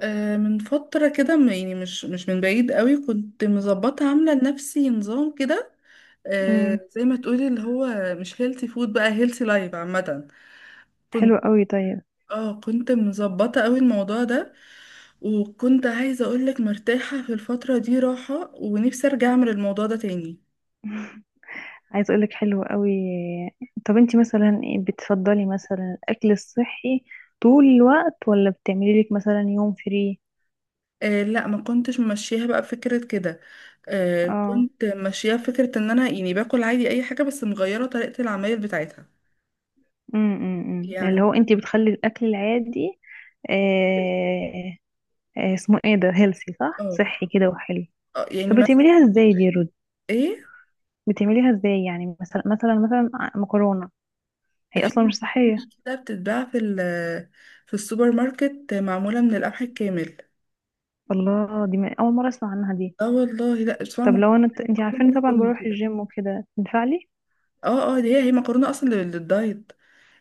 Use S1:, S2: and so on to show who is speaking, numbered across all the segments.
S1: من فترة كده يعني مش من بعيد قوي كنت مظبطة عاملة لنفسي نظام كده.
S2: مم.
S1: زي ما تقولي اللي هو مش هيلثي فود بقى هيلثي لايف عامة.
S2: حلو
S1: كنت
S2: قوي، طيب.
S1: اه كنت مظبطة قوي الموضوع ده، وكنت عايزة اقولك مرتاحة في الفترة دي راحة ونفسي ارجع اعمل الموضوع ده تاني.
S2: عايز اقولك حلو قوي. طب، انتي مثلا إيه، بتفضلي مثلا الاكل الصحي طول الوقت، ولا بتعملي لك مثلا يوم فري؟
S1: آه لا، ما كنتش ماشياها بقى بفكرة كده. آه،
S2: اه.
S1: كنت ماشياها بفكرة ان انا يعني باكل عادي اي حاجة، بس مغيرة طريقة العمايل بتاعتها.
S2: امم،
S1: يعني
S2: اللي هو انتي بتخلي الاكل العادي. آه. آه، اسمه ايه ده، هيلثي صح،
S1: اه.
S2: صحي كده وحلو.
S1: آه،
S2: طب
S1: يعني
S2: بتعمليها
S1: مثلا
S2: ازاي دي رود؟
S1: ايه،
S2: بتعمليها ازاي يعني مثلا، مكرونة. هي
S1: في
S2: اصلا مش صحية.
S1: مكرونة كده بتتباع في في السوبر ماركت، معمولة من القمح الكامل.
S2: الله، دي اول مرة اسمع عنها دي.
S1: اه والله، لا اسمها
S2: طب لو
S1: مكرونة،
S2: انا، انت عارفاني
S1: لونها
S2: طبعا
S1: بني
S2: بروح
S1: كده.
S2: الجيم وكده، ينفع لي؟
S1: اه اه، دي هي مكرونة اصلا للدايت.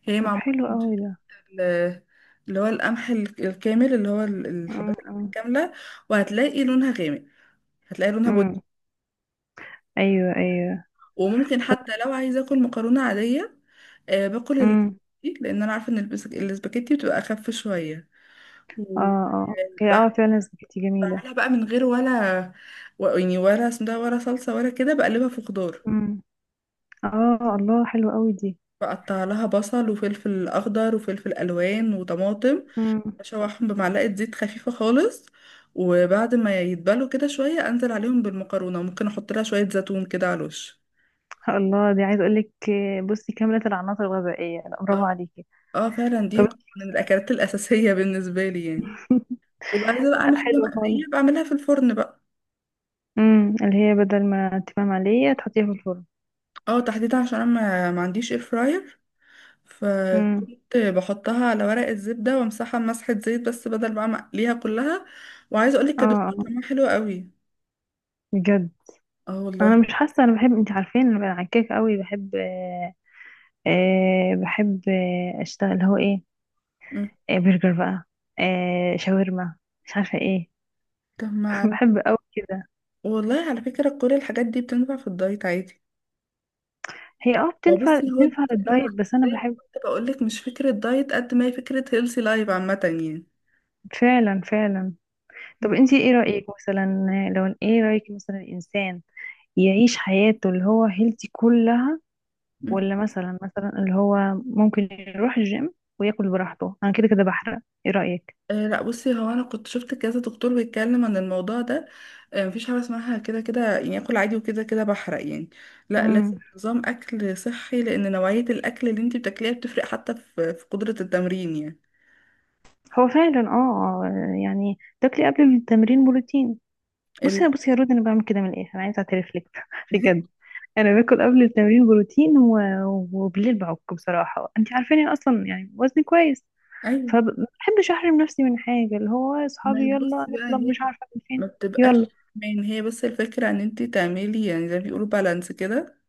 S1: هي
S2: طب
S1: معمولة
S2: حلو
S1: من
S2: قوي
S1: شكل،
S2: ده.
S1: آه، اللي هو القمح الكامل، اللي هو الحبات القمح
S2: امم.
S1: الكاملة. وهتلاقي لونها غامق، هتلاقي لونها بني.
S2: إمم. ايوه ايوه.
S1: وممكن
S2: طب.
S1: حتى لو عايزة اكل مكرونة عادية، باكل
S2: امم.
S1: الاسباجيتي، لان انا عارفة ان الاسباجيتي بتبقى اخف شوية.
S2: اه
S1: و-
S2: اه، هي فعلا سباكيتي جميله.
S1: بعملها بقى من غير ولا يعني ولا اسم ده ولا صلصة ولا كده، بقلبها في خضار.
S2: امم. اه، الله حلو قوي دي.
S1: بقطع لها بصل وفلفل أخضر وفلفل ألوان وطماطم،
S2: امم.
S1: أشوحهم بمعلقة زيت خفيفة خالص، وبعد ما يتبلوا كده شوية أنزل عليهم بالمكرونة، وممكن أحط لها شوية زيتون كده على الوش.
S2: الله، دي عايزه اقول لك، بصي كامله العناصر الغذائيه، لا برافو عليكي.
S1: اه فعلا،
S2: طب.
S1: دي من الأكلات الأساسية بالنسبة لي يعني. وبعد كده بقى أعمل
S2: لا
S1: حاجة
S2: حلو خالص.
S1: مقلية، بعملها في الفرن بقى.
S2: امم، اللي هي بدل ما تمام عاديه تحطيها في الفرن.
S1: اه، تحديدا عشان أنا ما عنديش اير فراير،
S2: امم.
S1: فكنت بحطها على ورق الزبدة وامسحها بمسحة زيت، بس بدل بقى ما اقليها كلها. وعايزة اقولك
S2: اه
S1: كانت بتطلع
S2: اه
S1: طعمها حلو قوي.
S2: بجد.
S1: اه والله.
S2: انا مش حاسه، انا بحب، انت عارفين انا عكاك قوي بحب. بحب اشتغل اللي هو ايه،
S1: مم.
S2: برجر بقى، شاورما، مش عارفه ايه.
S1: طب ما على-
S2: بحب قوي كده.
S1: والله على فكرة كل الحاجات دي بتنفع في الدايت عادي.
S2: هي
S1: ما
S2: بتنفع
S1: بصي، هو
S2: بتنفع
S1: الفكرة ان انا،
S2: للدايت، بس انا
S1: زي ما
S2: بحب.
S1: كنت بقولك، مش فكرة دايت قد ما هي فكرة هيلثي لايف عامة يعني.
S2: فعلا فعلا. طب انتي ايه رايك مثلا، لو ايه رايك مثلا، الانسان يعيش حياته اللي هو هيلثي كلها،
S1: مم.
S2: ولا مثلا اللي هو ممكن يروح الجيم وياكل براحته، انا كده كده بحرق؟ ايه رايك؟
S1: آه لا، بصي هو انا كنت شفت كذا دكتور بيتكلم عن الموضوع ده. آه، مفيش حاجه اسمها كده كده يعني اكل عادي وكده كده بحرق يعني. لا،
S2: امم.
S1: لازم نظام اكل صحي، لان نوعيه الاكل اللي انت بتاكليها بتفرق حتى في في قدره التمرين يعني.
S2: هو فعلا يعني تاكلي قبل التمرين بروتين. بصي
S1: ال...
S2: بصي يا رود، انا بعمل كده من الاخر، انا عايزه اعترف لك بجد. انا باكل قبل التمرين بروتين وبالليل بعك، بصراحه انت عارفاني أنا اصلا يعني وزني كويس،
S1: ايوه.
S2: فبحبش احرم نفسي من حاجه، اللي هو
S1: ما هي
S2: اصحابي يلا
S1: بصي بقى،
S2: نطلب
S1: هي
S2: مش عارفه من فين.
S1: ما
S2: يلا.
S1: بتبقاش من هي، بس الفكره ان انت تعملي يعني زي ما بيقولوا بالانس كده.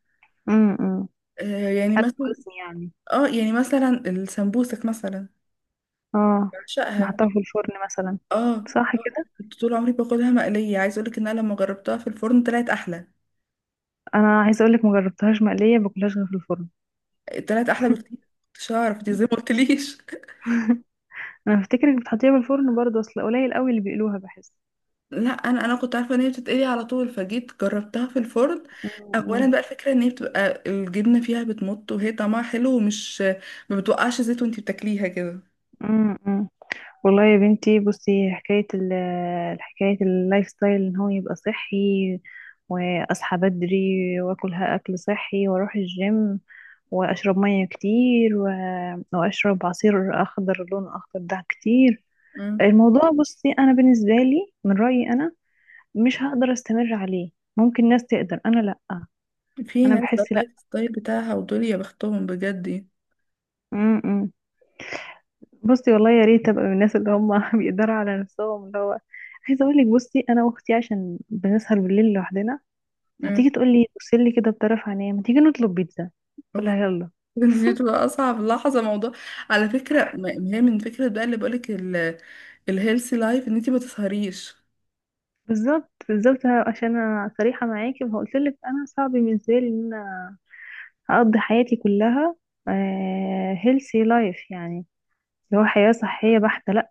S2: امم.
S1: آه يعني
S2: حتى
S1: مثلا،
S2: وزني يعني.
S1: اه يعني مثلا السمبوسك مثلا،
S2: اه.
S1: بعشقها.
S2: نحطها في الفرن مثلا،
S1: اه
S2: صح كده.
S1: انا كنت طول عمري باكلها مقلية، عايز اقولك ان انا لما جربتها في الفرن طلعت احلى.
S2: انا عايزه اقول لك، ما جربتهاش مقليه، باكلهاش غير في الفرن.
S1: طلعت احلى بكتير. مش هعرف، دي زي ما قلتليش
S2: انا بفتكرك بتحطيها في الفرن برضه، اصل قليل قوي اللي بيقلوها بحس.
S1: لا، انا كنت عارفه ان هي بتتقلي على طول، فجيت جربتها في الفرن. اولا
S2: امم
S1: بقى، الفكره ان هي بتبقى الجبنه فيها بتمط، وهي طعمها حلو ومش ما بتوقعش زيت وانتي بتاكليها كده.
S2: امم. والله يا بنتي، بصي، حكاية اللايف ستايل ان هو يبقى صحي، واصحى بدري، واكل ها- اكل صحي، واروح الجيم، واشرب مية كتير، واشرب عصير اخضر، لون اخضر ده كتير.
S1: مم.
S2: الموضوع، بصي، انا بالنسبة لي من رأيي انا مش هقدر استمر عليه. ممكن ناس تقدر، انا لا.
S1: في
S2: انا
S1: ناس ده
S2: بحس لا.
S1: اللايف ستايل بتاعها، ودول يا بختهم بجد يعني.
S2: م -م. بصي والله يا ريت ابقى من الناس اللي هم بيقدروا على نفسهم، اللي هو عايزه اقول لك، بصي، انا واختي عشان بنسهر بالليل لوحدنا، هتيجي تقول لي بص لي كده بطرف عينيا، ما تيجي نطلب بيتزا،
S1: مم.
S2: اقول لها يلا.
S1: دي بتبقى اصعب لحظه موضوع. على فكره، ما هي من فكره بقى اللي بقولك الهيلثي لايف ان انتي ما تسهريش.
S2: بالظبط بالظبط، عشان انا صريحه معاكي، فقلت لك انا صعب بالنسبه لي ان انا هقضي حياتي كلها هيلثي لايف، يعني اللي هو حياه صحيه بحته، لا.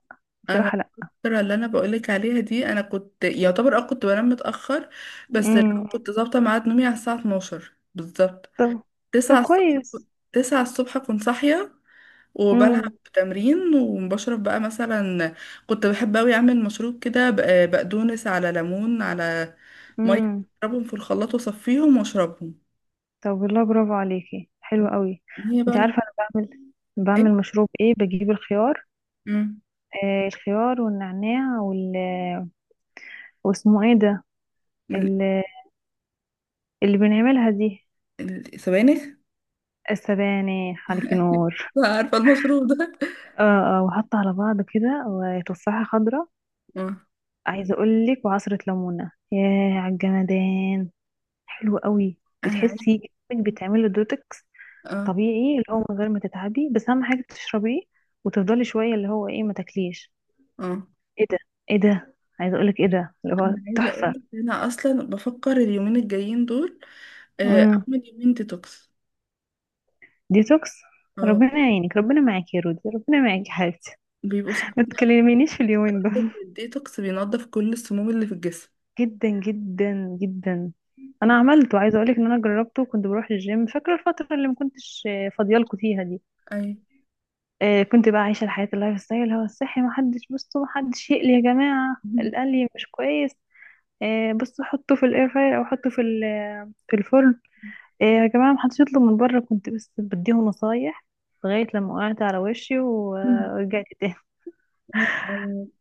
S1: انا
S2: بصراحه لا.
S1: الفتره اللي انا بقولك عليها دي، انا كنت يعتبر اه كنت بنام متاخر، بس اللي هو
S2: امم.
S1: كنت ظابطه ميعاد نومي على الساعه 12 بالظبط.
S2: طب. طب كويس.
S1: 9 الصبح كنت صاحيه، وبلعب
S2: امم
S1: تمرين، وبشرب بقى مثلا، كنت بحب اوي اعمل مشروب كده بقدونس على ليمون على ميه،
S2: امم.
S1: اضربهم في الخلاط واصفيهم واشربهم.
S2: طب والله برافو عليكي، حلو قوي.
S1: هي بقى
S2: انت عارفه
S1: الفول.
S2: انا بعمل،
S1: حلو.
S2: بعمل مشروب ايه، بجيب الخيار.
S1: مم.
S2: آه الخيار والنعناع، واسمه ايه ده
S1: ال-
S2: اللي بنعملها دي.
S1: السبانخ.
S2: السبانخ، حرك نور.
S1: عارفة المشروب ده.
S2: اه اه، وحط على بعض كده وتفاحة خضراء.
S1: اه،
S2: عايزة اقولك، وعصرة ليمونة، ياه عالجمدان. حلو قوي.
S1: انا عايزة.
S2: بتحسي انك بتعملي دوتكس
S1: اه
S2: طبيعي، اللي هو من غير ما تتعبي، بس اهم حاجة تشربيه، وتفضلي شوية اللي هو ايه ما تاكليش.
S1: اه
S2: ايه ده، ايه ده، عايزة اقولك ايه ده اللي هو
S1: انا عايزة اقول
S2: تحفة.
S1: لك انا اصلا بفكر اليومين الجايين دول،
S2: امم.
S1: اعمل يومين ديتوكس.
S2: ديتوكس.
S1: اه،
S2: ربنا يعينك، ربنا معاك يا رودي، ربنا معاك يا حبيبتي.
S1: بيبقوا
S2: ما
S1: صعبين
S2: تكلمينيش في اليومين
S1: قوي.
S2: دول.
S1: الديتوكس بينضف كل السموم اللي في الجسم.
S2: جدا جدا جدا. انا عملته، عايزه اقولك ان انا جربته، كنت بروح الجيم، فاكره الفتره اللي ما كنتش فاضيالكوا فيها دي.
S1: اي.
S2: كنت بقى عايشه الحياه اللايف ستايل هو الصحي، ما حدش، بصوا، ما حدش يقلي يا جماعه، القلي مش كويس. بصوا حطه في الاير فراير، او حطه في في الفرن. يا جماعه، ما حدش يطلب من بره، كنت بس بديهم نصايح، لغايه لما وقعت على وشي ورجعت تاني.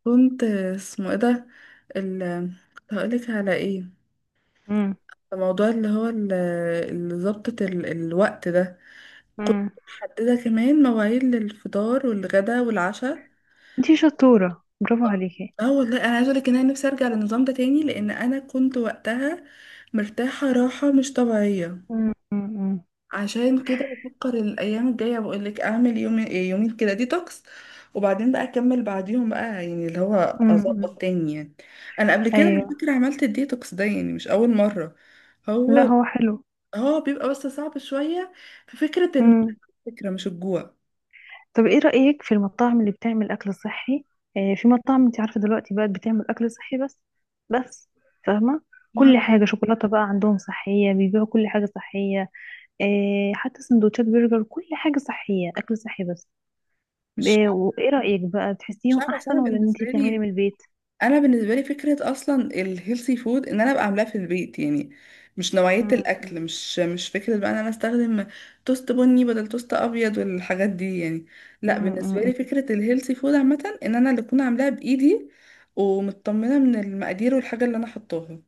S1: كنت، اسمه ايه ده، ال، هقولك على ايه.
S2: امم
S1: الموضوع اللي هو اللي ظبطة الوقت ده، كنت
S2: امم.
S1: محددة كمان مواعيد للفطار والغدا والعشاء.
S2: انتي شطوره، برافو عليكي.
S1: اه والله، انا عايزه اقولك ان انا نفسي ارجع للنظام ده تاني، لان انا كنت وقتها مرتاحه راحه مش طبيعيه.
S2: امم امم
S1: عشان كده بفكر الايام الجايه، بقول لك اعمل يوم يومين كده ديتوكس، وبعدين بقى اكمل بعديهم بقى، يعني اللي هو
S2: امم.
S1: اظبط تاني يعني. انا قبل كده على
S2: ايوه.
S1: فكره عملت الديتوكس ده، يعني مش اول مره.
S2: لا
S1: هو
S2: هو حلو.
S1: هو بيبقى بس صعب شويه في فكره.
S2: امم.
S1: الفكره مش الجوع.
S2: طب ايه رأيك في المطاعم اللي بتعمل اكل صحي؟ في مطاعم، انت عارفة دلوقتي بقت بتعمل اكل صحي، بس فاهمة، كل حاجة، شوكولاتة بقى عندهم صحية، بيبيعوا كل حاجة صحية. حتى سندوتشات برجر، كل حاجة صحية، اكل صحي بس.
S1: مش
S2: وايه رأيك بقى،
S1: مش
S2: بتحسيهم
S1: عارفه، اصل
S2: احسن
S1: انا
S2: ولا ان
S1: بالنسبه
S2: انت تعملي
S1: لي،
S2: من البيت؟
S1: انا بالنسبه لي فكره اصلا الهيلثي فود ان انا ابقى عاملاه في البيت يعني، مش نوعيه الاكل،
S2: مم.
S1: مش فكره بقى ان انا استخدم توست بني بدل توست ابيض والحاجات دي يعني. لا،
S2: مم.
S1: بالنسبه
S2: مم.
S1: لي فكره الهيلثي فود عامه ان انا اللي اكون عاملاها بايدي ومطمنه من المقادير والحاجه اللي انا حطاها.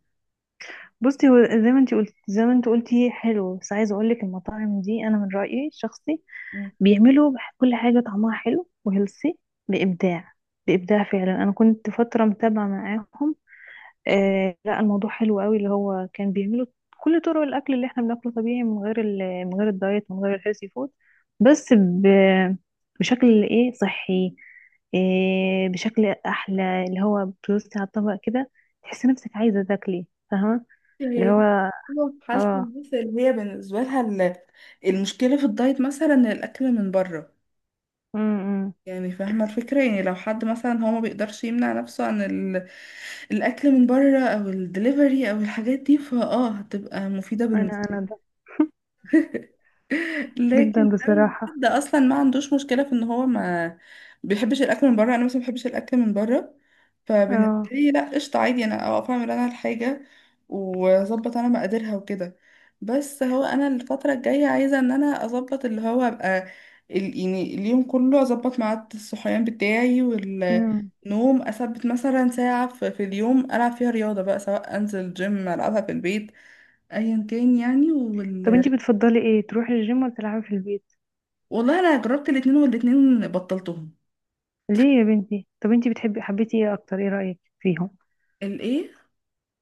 S2: بصي، هو زي ما انت قلتي حلو، بس عايزة اقول لك، المطاعم دي انا من رأيي الشخصي
S1: مم.
S2: بيعملوا كل حاجة طعمها حلو وهيلثي، بإبداع. بإبداع فعلا، أنا كنت فترة متابعة معاهم. آه لا، الموضوع حلو قوي اللي هو كان بيعملوا كل طرق الأكل اللي احنا بناكله طبيعي، من غير من غير الدايت، من غير الهيلثي فود، بس بشكل ايه، صحي، إيه، بشكل أحلى، اللي هو بتوصي على الطبق كده، تحسي نفسك عايزة تاكلي، فاهمة؟ اللي
S1: هي دي
S2: هو،
S1: حالة
S2: اه،
S1: الناس اللي هي بالنسبة لها المشكلة في الدايت، مثلا الأكل من بره.
S2: أمم.
S1: يعني فاهمة الفكرة، يعني لو حد مثلا هو ما بيقدرش يمنع نفسه عن الأكل من بره أو الدليفري أو الحاجات دي، فاه هتبقى مفيدة
S2: انا
S1: بالنسبة.
S2: انا ده، جدا
S1: لكن اول
S2: بصراحة.
S1: حد اصلا ما عندوش مشكله في ان هو ما بيحبش الاكل من بره، انا مثلا ما بحبش الاكل من بره، فبالنسبه
S2: اه.
S1: لي لا قشطه عادي، انا اقف اعمل انا الحاجه واظبط انا مقاديرها وكده. بس هو انا الفتره الجايه عايزه ان انا اظبط اللي هو ابقى يعني اليوم كله اظبط ميعاد الصحيان بتاعي والنوم، اثبت مثلا ساعه في في اليوم العب فيها رياضه بقى، سواء انزل جيم العبها في البيت، ايا كان يعني.
S2: طب
S1: وال،
S2: انتي بتفضلي ايه، تروحي الجيم ولا تلعبي في البيت؟
S1: والله انا جربت الاتنين والاتنين بطلتهم.
S2: ليه يا بنتي؟ طب انتي بتحبي، حبيتي ايه اكتر، ايه رأيك فيهم؟
S1: الايه؟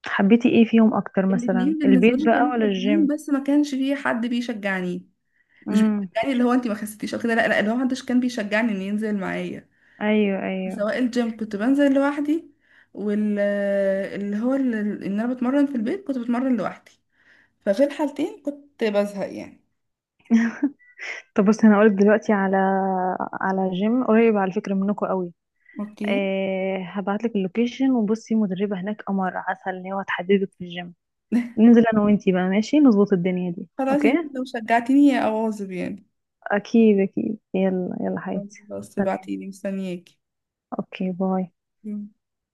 S2: حبيتي ايه فيهم اكتر، مثلا
S1: الاتنين بالنسبه
S2: البيت
S1: لي
S2: بقى
S1: كانوا
S2: ولا
S1: حلوين،
S2: الجيم؟
S1: بس ما كانش فيه حد بيشجعني. مش
S2: امم، في
S1: بيشجعني اللي
S2: الجيم.
S1: هو انت ما خسيتيش او كده، لا لا، اللي هو محدش كان بيشجعني ان ينزل معايا.
S2: ايوه ايوه.
S1: سواء الجيم كنت بنزل لوحدي، وال، اللي هو ان انا بتمرن في البيت كنت بتمرن لوحدي، ففي الحالتين كنت بزهق يعني.
S2: طب بصي، انا هقولك دلوقتي على جيم قريب، على فكرة منكم قوي.
S1: اوكي.
S2: هبعتلك اللوكيشن، وبصي مدربة هناك قمر عسل، اللي هو هتحددك في الجيم. ننزل انا وانتي بقى، ماشي، نظبط الدنيا دي،
S1: خلاص،
S2: اوكي.
S1: يمكن لو شجعتيني يا اواظب يعني.
S2: اكيد اكيد، يلا يلا حياتي.
S1: خلاص
S2: سلام.
S1: ابعتيلي، مستنياكي.
S2: اوكي باي.